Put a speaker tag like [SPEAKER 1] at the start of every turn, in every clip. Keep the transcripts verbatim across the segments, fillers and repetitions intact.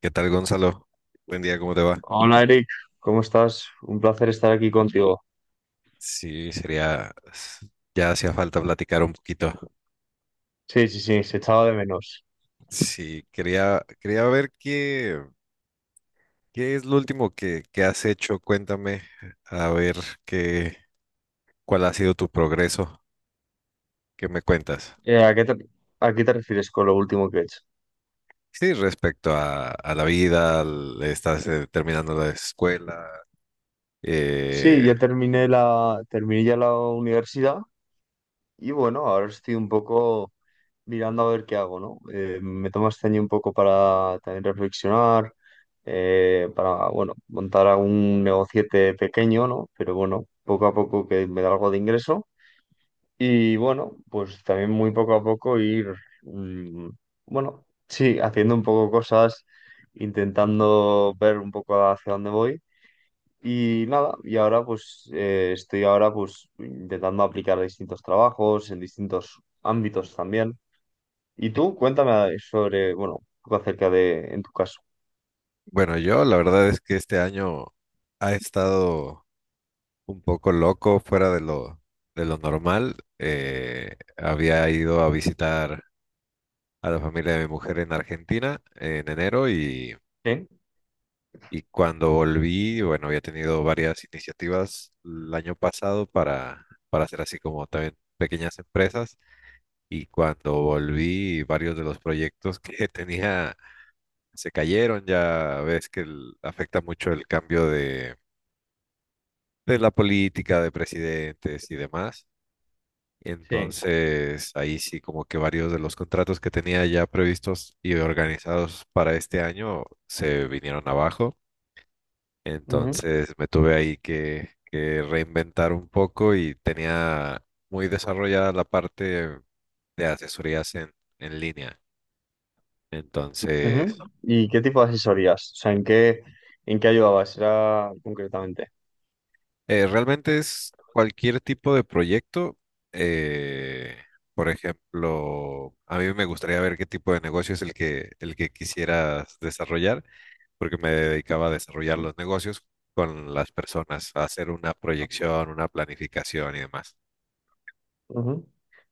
[SPEAKER 1] ¿Qué tal, Gonzalo? Buen día, ¿cómo te va?
[SPEAKER 2] Hola Eric, ¿cómo estás? Un placer estar aquí contigo.
[SPEAKER 1] Sí, sería, ya hacía falta platicar un poquito.
[SPEAKER 2] Sí, sí, sí, se echaba de menos.
[SPEAKER 1] Sí, quería, quería ver qué, qué es lo último que, que has hecho. Cuéntame, a ver qué, cuál ha sido tu progreso. ¿Qué me cuentas?
[SPEAKER 2] Eh, ¿a qué te, a qué te refieres con lo último que he hecho?
[SPEAKER 1] Sí, respecto a, a la vida, al- estás eh, terminando la escuela.
[SPEAKER 2] Sí,
[SPEAKER 1] Eh,
[SPEAKER 2] ya terminé la, terminé ya la universidad y bueno, ahora estoy un poco mirando a ver qué hago, ¿no? Eh, me tomo este año un poco para también reflexionar, eh, para, bueno, montar algún negociete pequeño, ¿no? Pero bueno, poco a poco que me da algo de ingreso. Y bueno, pues también muy poco a poco ir, mm, bueno, sí, haciendo un poco cosas, intentando ver un poco hacia dónde voy. Y nada, y ahora pues eh, estoy ahora pues intentando aplicar distintos trabajos en distintos ámbitos también. Y tú, cuéntame sobre, bueno, un poco acerca de, en tu caso.
[SPEAKER 1] bueno, yo la verdad es que este año ha estado un poco loco, fuera de lo, de lo normal. Eh, había ido a visitar a la familia de mi mujer en Argentina en enero y,
[SPEAKER 2] Sí,
[SPEAKER 1] y cuando volví, bueno, había tenido varias iniciativas el año pasado para, para hacer así como también pequeñas empresas y cuando volví, varios de los proyectos que tenía se cayeron. Ya ves que el- afecta mucho el cambio de... de la política, de presidentes y demás.
[SPEAKER 2] sí.
[SPEAKER 1] Entonces, ahí sí como que varios de los contratos que tenía ya previstos y organizados para este año se vinieron abajo.
[SPEAKER 2] Ujú,
[SPEAKER 1] Entonces me tuve ahí que, que reinventar un poco y tenía muy desarrollada la parte de asesorías en, en línea. Entonces,
[SPEAKER 2] ujú. ¿Y qué tipo de asesorías? O sea, ¿en qué, ¿en qué ayudabas? Era concretamente.
[SPEAKER 1] eh, realmente es cualquier tipo de proyecto. eh, por ejemplo, a mí me gustaría ver qué tipo de negocio es el que, el que quisieras desarrollar porque me dedicaba a desarrollar los negocios con las personas, a hacer una proyección, una planificación y demás.
[SPEAKER 2] Ujú.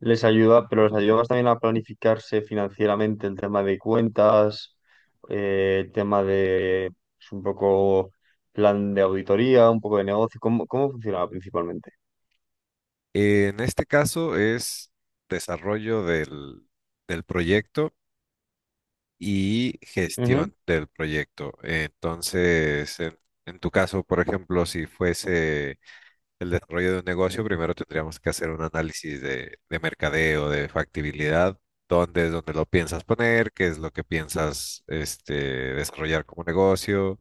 [SPEAKER 2] Les ayuda, pero les ayuda más también a planificarse financieramente el tema de cuentas, eh, el tema de pues, un poco plan de auditoría, un poco de negocio. ¿Cómo, cómo funcionaba principalmente?
[SPEAKER 1] En este caso es desarrollo del, del proyecto y
[SPEAKER 2] Ujú,
[SPEAKER 1] gestión del proyecto. Entonces, en, en tu caso, por ejemplo, si fuese el desarrollo de un negocio, primero tendríamos que hacer un análisis de, de mercadeo, de factibilidad, dónde es donde lo piensas poner, qué es lo que piensas este, desarrollar como negocio,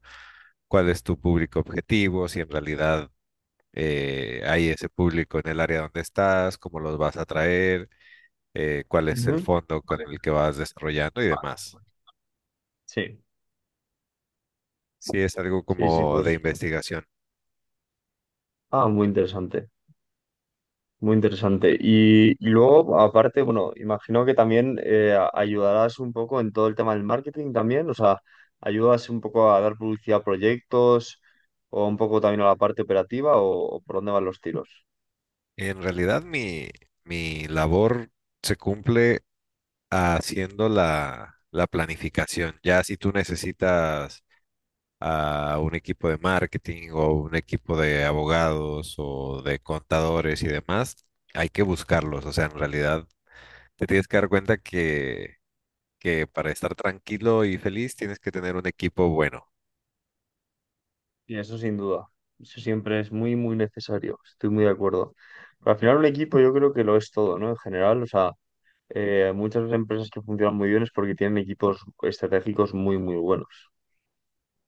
[SPEAKER 1] cuál es tu público objetivo, si en realidad eh, hay ese público en el área donde estás, cómo los vas a atraer, eh, cuál es el
[SPEAKER 2] ujú. Sí,
[SPEAKER 1] fondo con
[SPEAKER 2] Vale,
[SPEAKER 1] el que vas desarrollando y
[SPEAKER 2] vale.
[SPEAKER 1] demás.
[SPEAKER 2] Sí,
[SPEAKER 1] Sí, es algo
[SPEAKER 2] sí, sí,
[SPEAKER 1] como de
[SPEAKER 2] pues.
[SPEAKER 1] investigación.
[SPEAKER 2] Ah, muy interesante. Muy interesante. Y, luego, aparte, bueno, imagino que también eh, a- ayudarás un poco en todo el tema del marketing también, o sea, ayudas un poco a dar publicidad a proyectos o un poco también a la parte operativa o, o por dónde van los tiros.
[SPEAKER 1] En realidad mi, mi labor se cumple haciendo la, la planificación. Ya si tú necesitas a un equipo de marketing o un equipo de abogados o de contadores y demás, hay que buscarlos. O sea, en realidad te tienes que dar cuenta que, que para estar tranquilo y feliz tienes que tener un equipo bueno.
[SPEAKER 2] Y eso sin duda, eso siempre es muy, muy necesario, estoy muy de acuerdo. Pero al final un equipo yo creo que lo es todo, ¿no? En general, o sea, eh, muchas empresas que funcionan muy bien es porque tienen equipos estratégicos muy, muy buenos.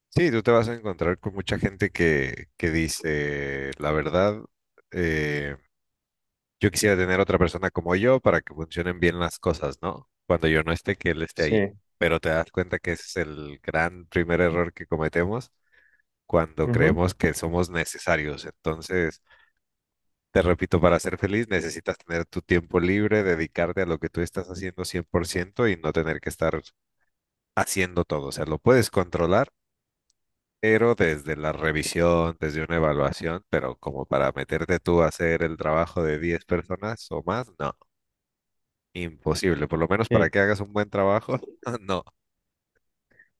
[SPEAKER 1] Sí, tú te vas a encontrar con mucha gente que, que dice, la verdad, eh, yo quisiera tener otra persona como yo para que funcionen bien las cosas, ¿no? Cuando yo no esté, que él esté ahí.
[SPEAKER 2] Sí.
[SPEAKER 1] Pero te das cuenta que ese es el gran primer error que cometemos cuando
[SPEAKER 2] Ujú.
[SPEAKER 1] creemos que somos necesarios. Entonces, te repito, para ser feliz necesitas tener tu tiempo libre, dedicarte a lo que tú estás haciendo cien por ciento y no tener que estar haciendo todo. O sea, lo puedes controlar, pero desde la revisión, desde una evaluación, pero como para meterte tú a hacer el trabajo de diez personas o más, no, imposible. Por lo menos para
[SPEAKER 2] Sí.
[SPEAKER 1] que hagas un buen trabajo, no.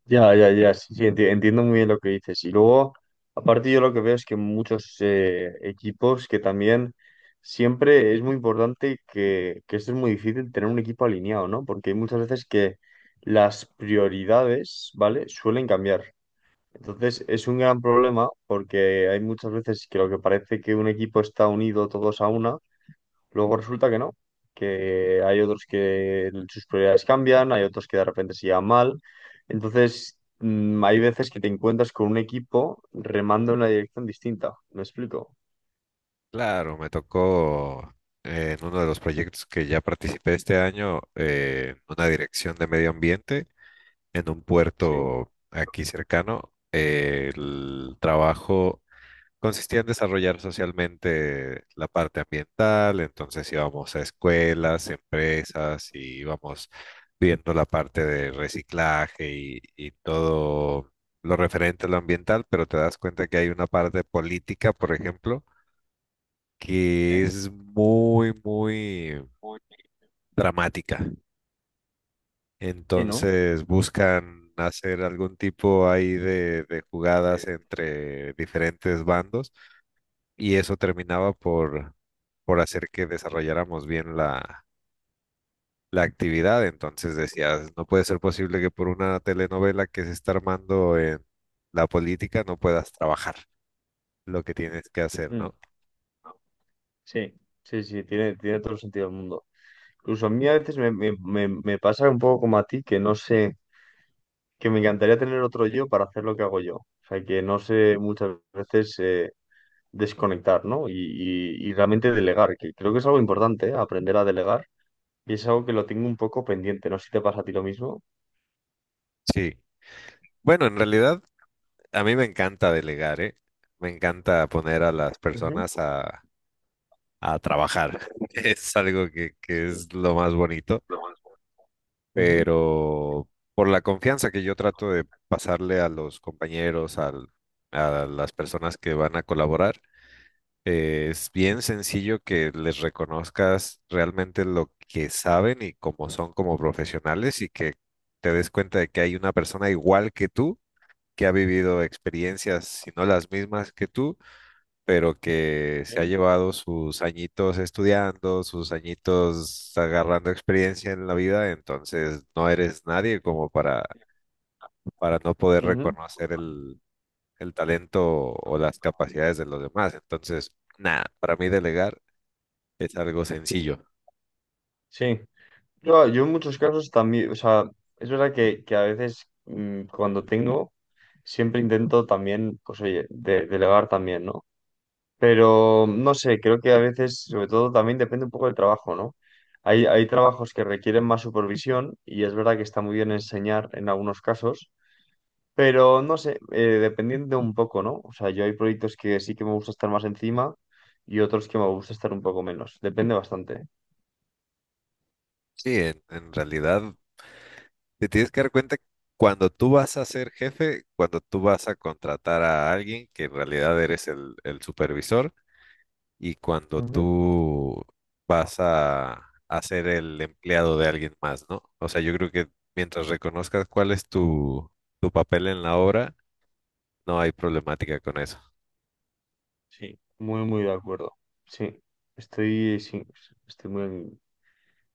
[SPEAKER 2] Ya, ya, ya, sí, sí, enti- entiendo muy bien lo que dices. Y luego, aparte yo lo que veo es que muchos eh, equipos que también siempre es muy importante que, que esto es muy difícil tener un equipo alineado, ¿no? Porque hay muchas veces que las prioridades, ¿vale? Suelen cambiar. Entonces es un gran problema porque hay muchas veces que lo que parece que un equipo está unido todos a una. Luego resulta que no, que hay otros que sus prioridades cambian, hay otros que de repente se llevan mal. Entonces, mm, hay veces que te encuentras con un equipo remando en una dirección distinta. ¿Me explico?
[SPEAKER 1] Claro, me tocó eh, en uno de los proyectos que ya participé este año, eh, una dirección de medio ambiente en un
[SPEAKER 2] Sí,
[SPEAKER 1] puerto aquí cercano. Eh, el trabajo consistía en desarrollar socialmente la parte ambiental, entonces íbamos a escuelas, empresas y íbamos viendo la parte de reciclaje y, y todo lo referente a lo ambiental, pero te das cuenta que hay una parte política, por ejemplo, que
[SPEAKER 2] ¿eh?
[SPEAKER 1] es muy, muy
[SPEAKER 2] Muy
[SPEAKER 1] dramática.
[SPEAKER 2] sí, ¿no?
[SPEAKER 1] Entonces buscan hacer algún tipo ahí de, de jugadas
[SPEAKER 2] Bien.
[SPEAKER 1] entre diferentes bandos y eso terminaba por, por hacer que desarrolláramos bien la, la actividad. Entonces decías, no puede ser posible que por una telenovela que se está armando en la política no puedas trabajar lo que tienes que hacer,
[SPEAKER 2] Mm,
[SPEAKER 1] ¿no?
[SPEAKER 2] sí, sí, sí, tiene, tiene todo el sentido del mundo. Incluso a mí a veces me, me- me- me pasa un poco como a ti, que no sé, que me encantaría tener otro yo para hacer lo que hago yo. O sea, que no sé muchas veces eh, desconectar, ¿no? Y, y- y realmente delegar, que creo que es algo importante, ¿eh? Aprender a delegar. Y es algo que lo tengo un poco pendiente, no sé si te pasa a ti lo mismo.
[SPEAKER 1] Sí. Bueno, en realidad a mí me encanta delegar, ¿eh? Me encanta poner a las
[SPEAKER 2] Ujú.
[SPEAKER 1] personas a a trabajar. Es algo que, que
[SPEAKER 2] Sí,
[SPEAKER 1] es lo más bonito,
[SPEAKER 2] Ujú.
[SPEAKER 1] pero por la confianza que yo trato de pasarle a los compañeros, al- a las personas que van a colaborar, eh, es bien sencillo que les reconozcas realmente lo que saben y cómo son como profesionales y que te des cuenta de que hay una persona igual que tú, que ha vivido experiencias, si no las mismas que tú pero que se ha
[SPEAKER 2] Ok.
[SPEAKER 1] llevado sus añitos estudiando, sus añitos agarrando experiencia en la vida, entonces no eres nadie como para, para no poder
[SPEAKER 2] Ujú.
[SPEAKER 1] reconocer el, el talento o las capacidades de los demás. Entonces, nada, para mí delegar es algo sencillo.
[SPEAKER 2] Sí, yo, yo en muchos casos también, o sea, es verdad que, que a veces mm, cuando tengo, siempre intento también, pues oye, de- delegar también, ¿no? Pero no sé, creo que a veces, sobre todo, también depende un poco del trabajo, ¿no? Hay, hay trabajos que requieren más supervisión y es verdad que está muy bien enseñar en algunos casos, pero no sé, eh, dependiendo un poco, ¿no? O sea, yo hay proyectos que sí que me gusta estar más encima y otros que me gusta estar un poco menos. Depende bastante. ¿Eh?
[SPEAKER 1] Sí, en, en realidad te tienes que dar cuenta que cuando tú vas a ser jefe, cuando tú vas a contratar a alguien que en realidad eres el el supervisor, y cuando
[SPEAKER 2] Ujú.
[SPEAKER 1] tú vas a, a ser el empleado de alguien más, ¿no? O sea, yo creo que mientras reconozcas cuál es tu, tu papel en la obra, no hay problemática con eso.
[SPEAKER 2] Sí, muy, muy de acuerdo. Sí, estoy, sí, estoy muy,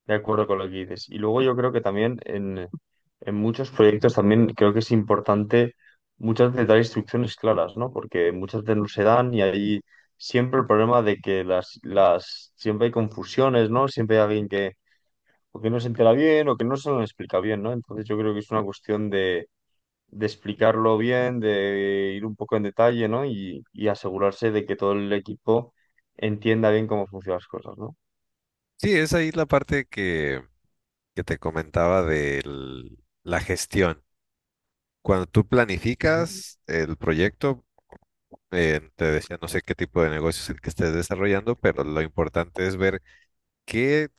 [SPEAKER 2] de acuerdo con lo que dices. Y luego yo creo que también en, en muchos proyectos también creo que es importante muchas veces dar instrucciones claras, ¿no? Porque muchas veces no se dan y hay siempre el problema de que las, las, siempre hay confusiones, ¿no? Siempre hay alguien que o que no se entera bien o que no se lo explica bien, ¿no? Entonces yo creo que es una cuestión de, de, explicarlo bien, de ir un poco en detalle, ¿no? Y, y asegurarse de que todo el equipo entienda bien cómo funcionan las cosas, ¿no?
[SPEAKER 1] Sí, es ahí la parte que, que te comentaba de la gestión. Cuando tú
[SPEAKER 2] Ujú.
[SPEAKER 1] planificas el proyecto, eh, te decía, no sé qué tipo de negocio es el que estés desarrollando, pero lo importante es ver qué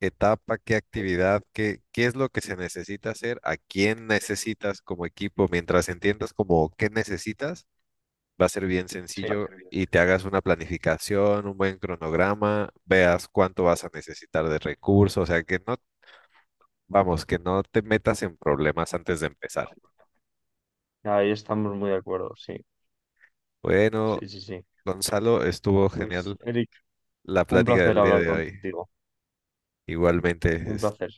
[SPEAKER 1] etapa, qué actividad, qué, qué es lo que se necesita hacer, ¿a quién necesitas como equipo? Mientras entiendas como qué necesitas, va a ser bien
[SPEAKER 2] Sí.
[SPEAKER 1] sencillo y te hagas una planificación, un buen cronograma, veas cuánto vas a necesitar de recursos, o sea que no, vamos, que no te metas en problemas antes de empezar.
[SPEAKER 2] Ahí estamos muy de acuerdo, sí, sí,
[SPEAKER 1] Bueno,
[SPEAKER 2] sí, sí.
[SPEAKER 1] Gonzalo, estuvo
[SPEAKER 2] Pues,
[SPEAKER 1] genial
[SPEAKER 2] Eric,
[SPEAKER 1] la
[SPEAKER 2] un
[SPEAKER 1] plática
[SPEAKER 2] placer
[SPEAKER 1] del día
[SPEAKER 2] hablar
[SPEAKER 1] de hoy.
[SPEAKER 2] contigo,
[SPEAKER 1] Igualmente,
[SPEAKER 2] un
[SPEAKER 1] es-
[SPEAKER 2] placer.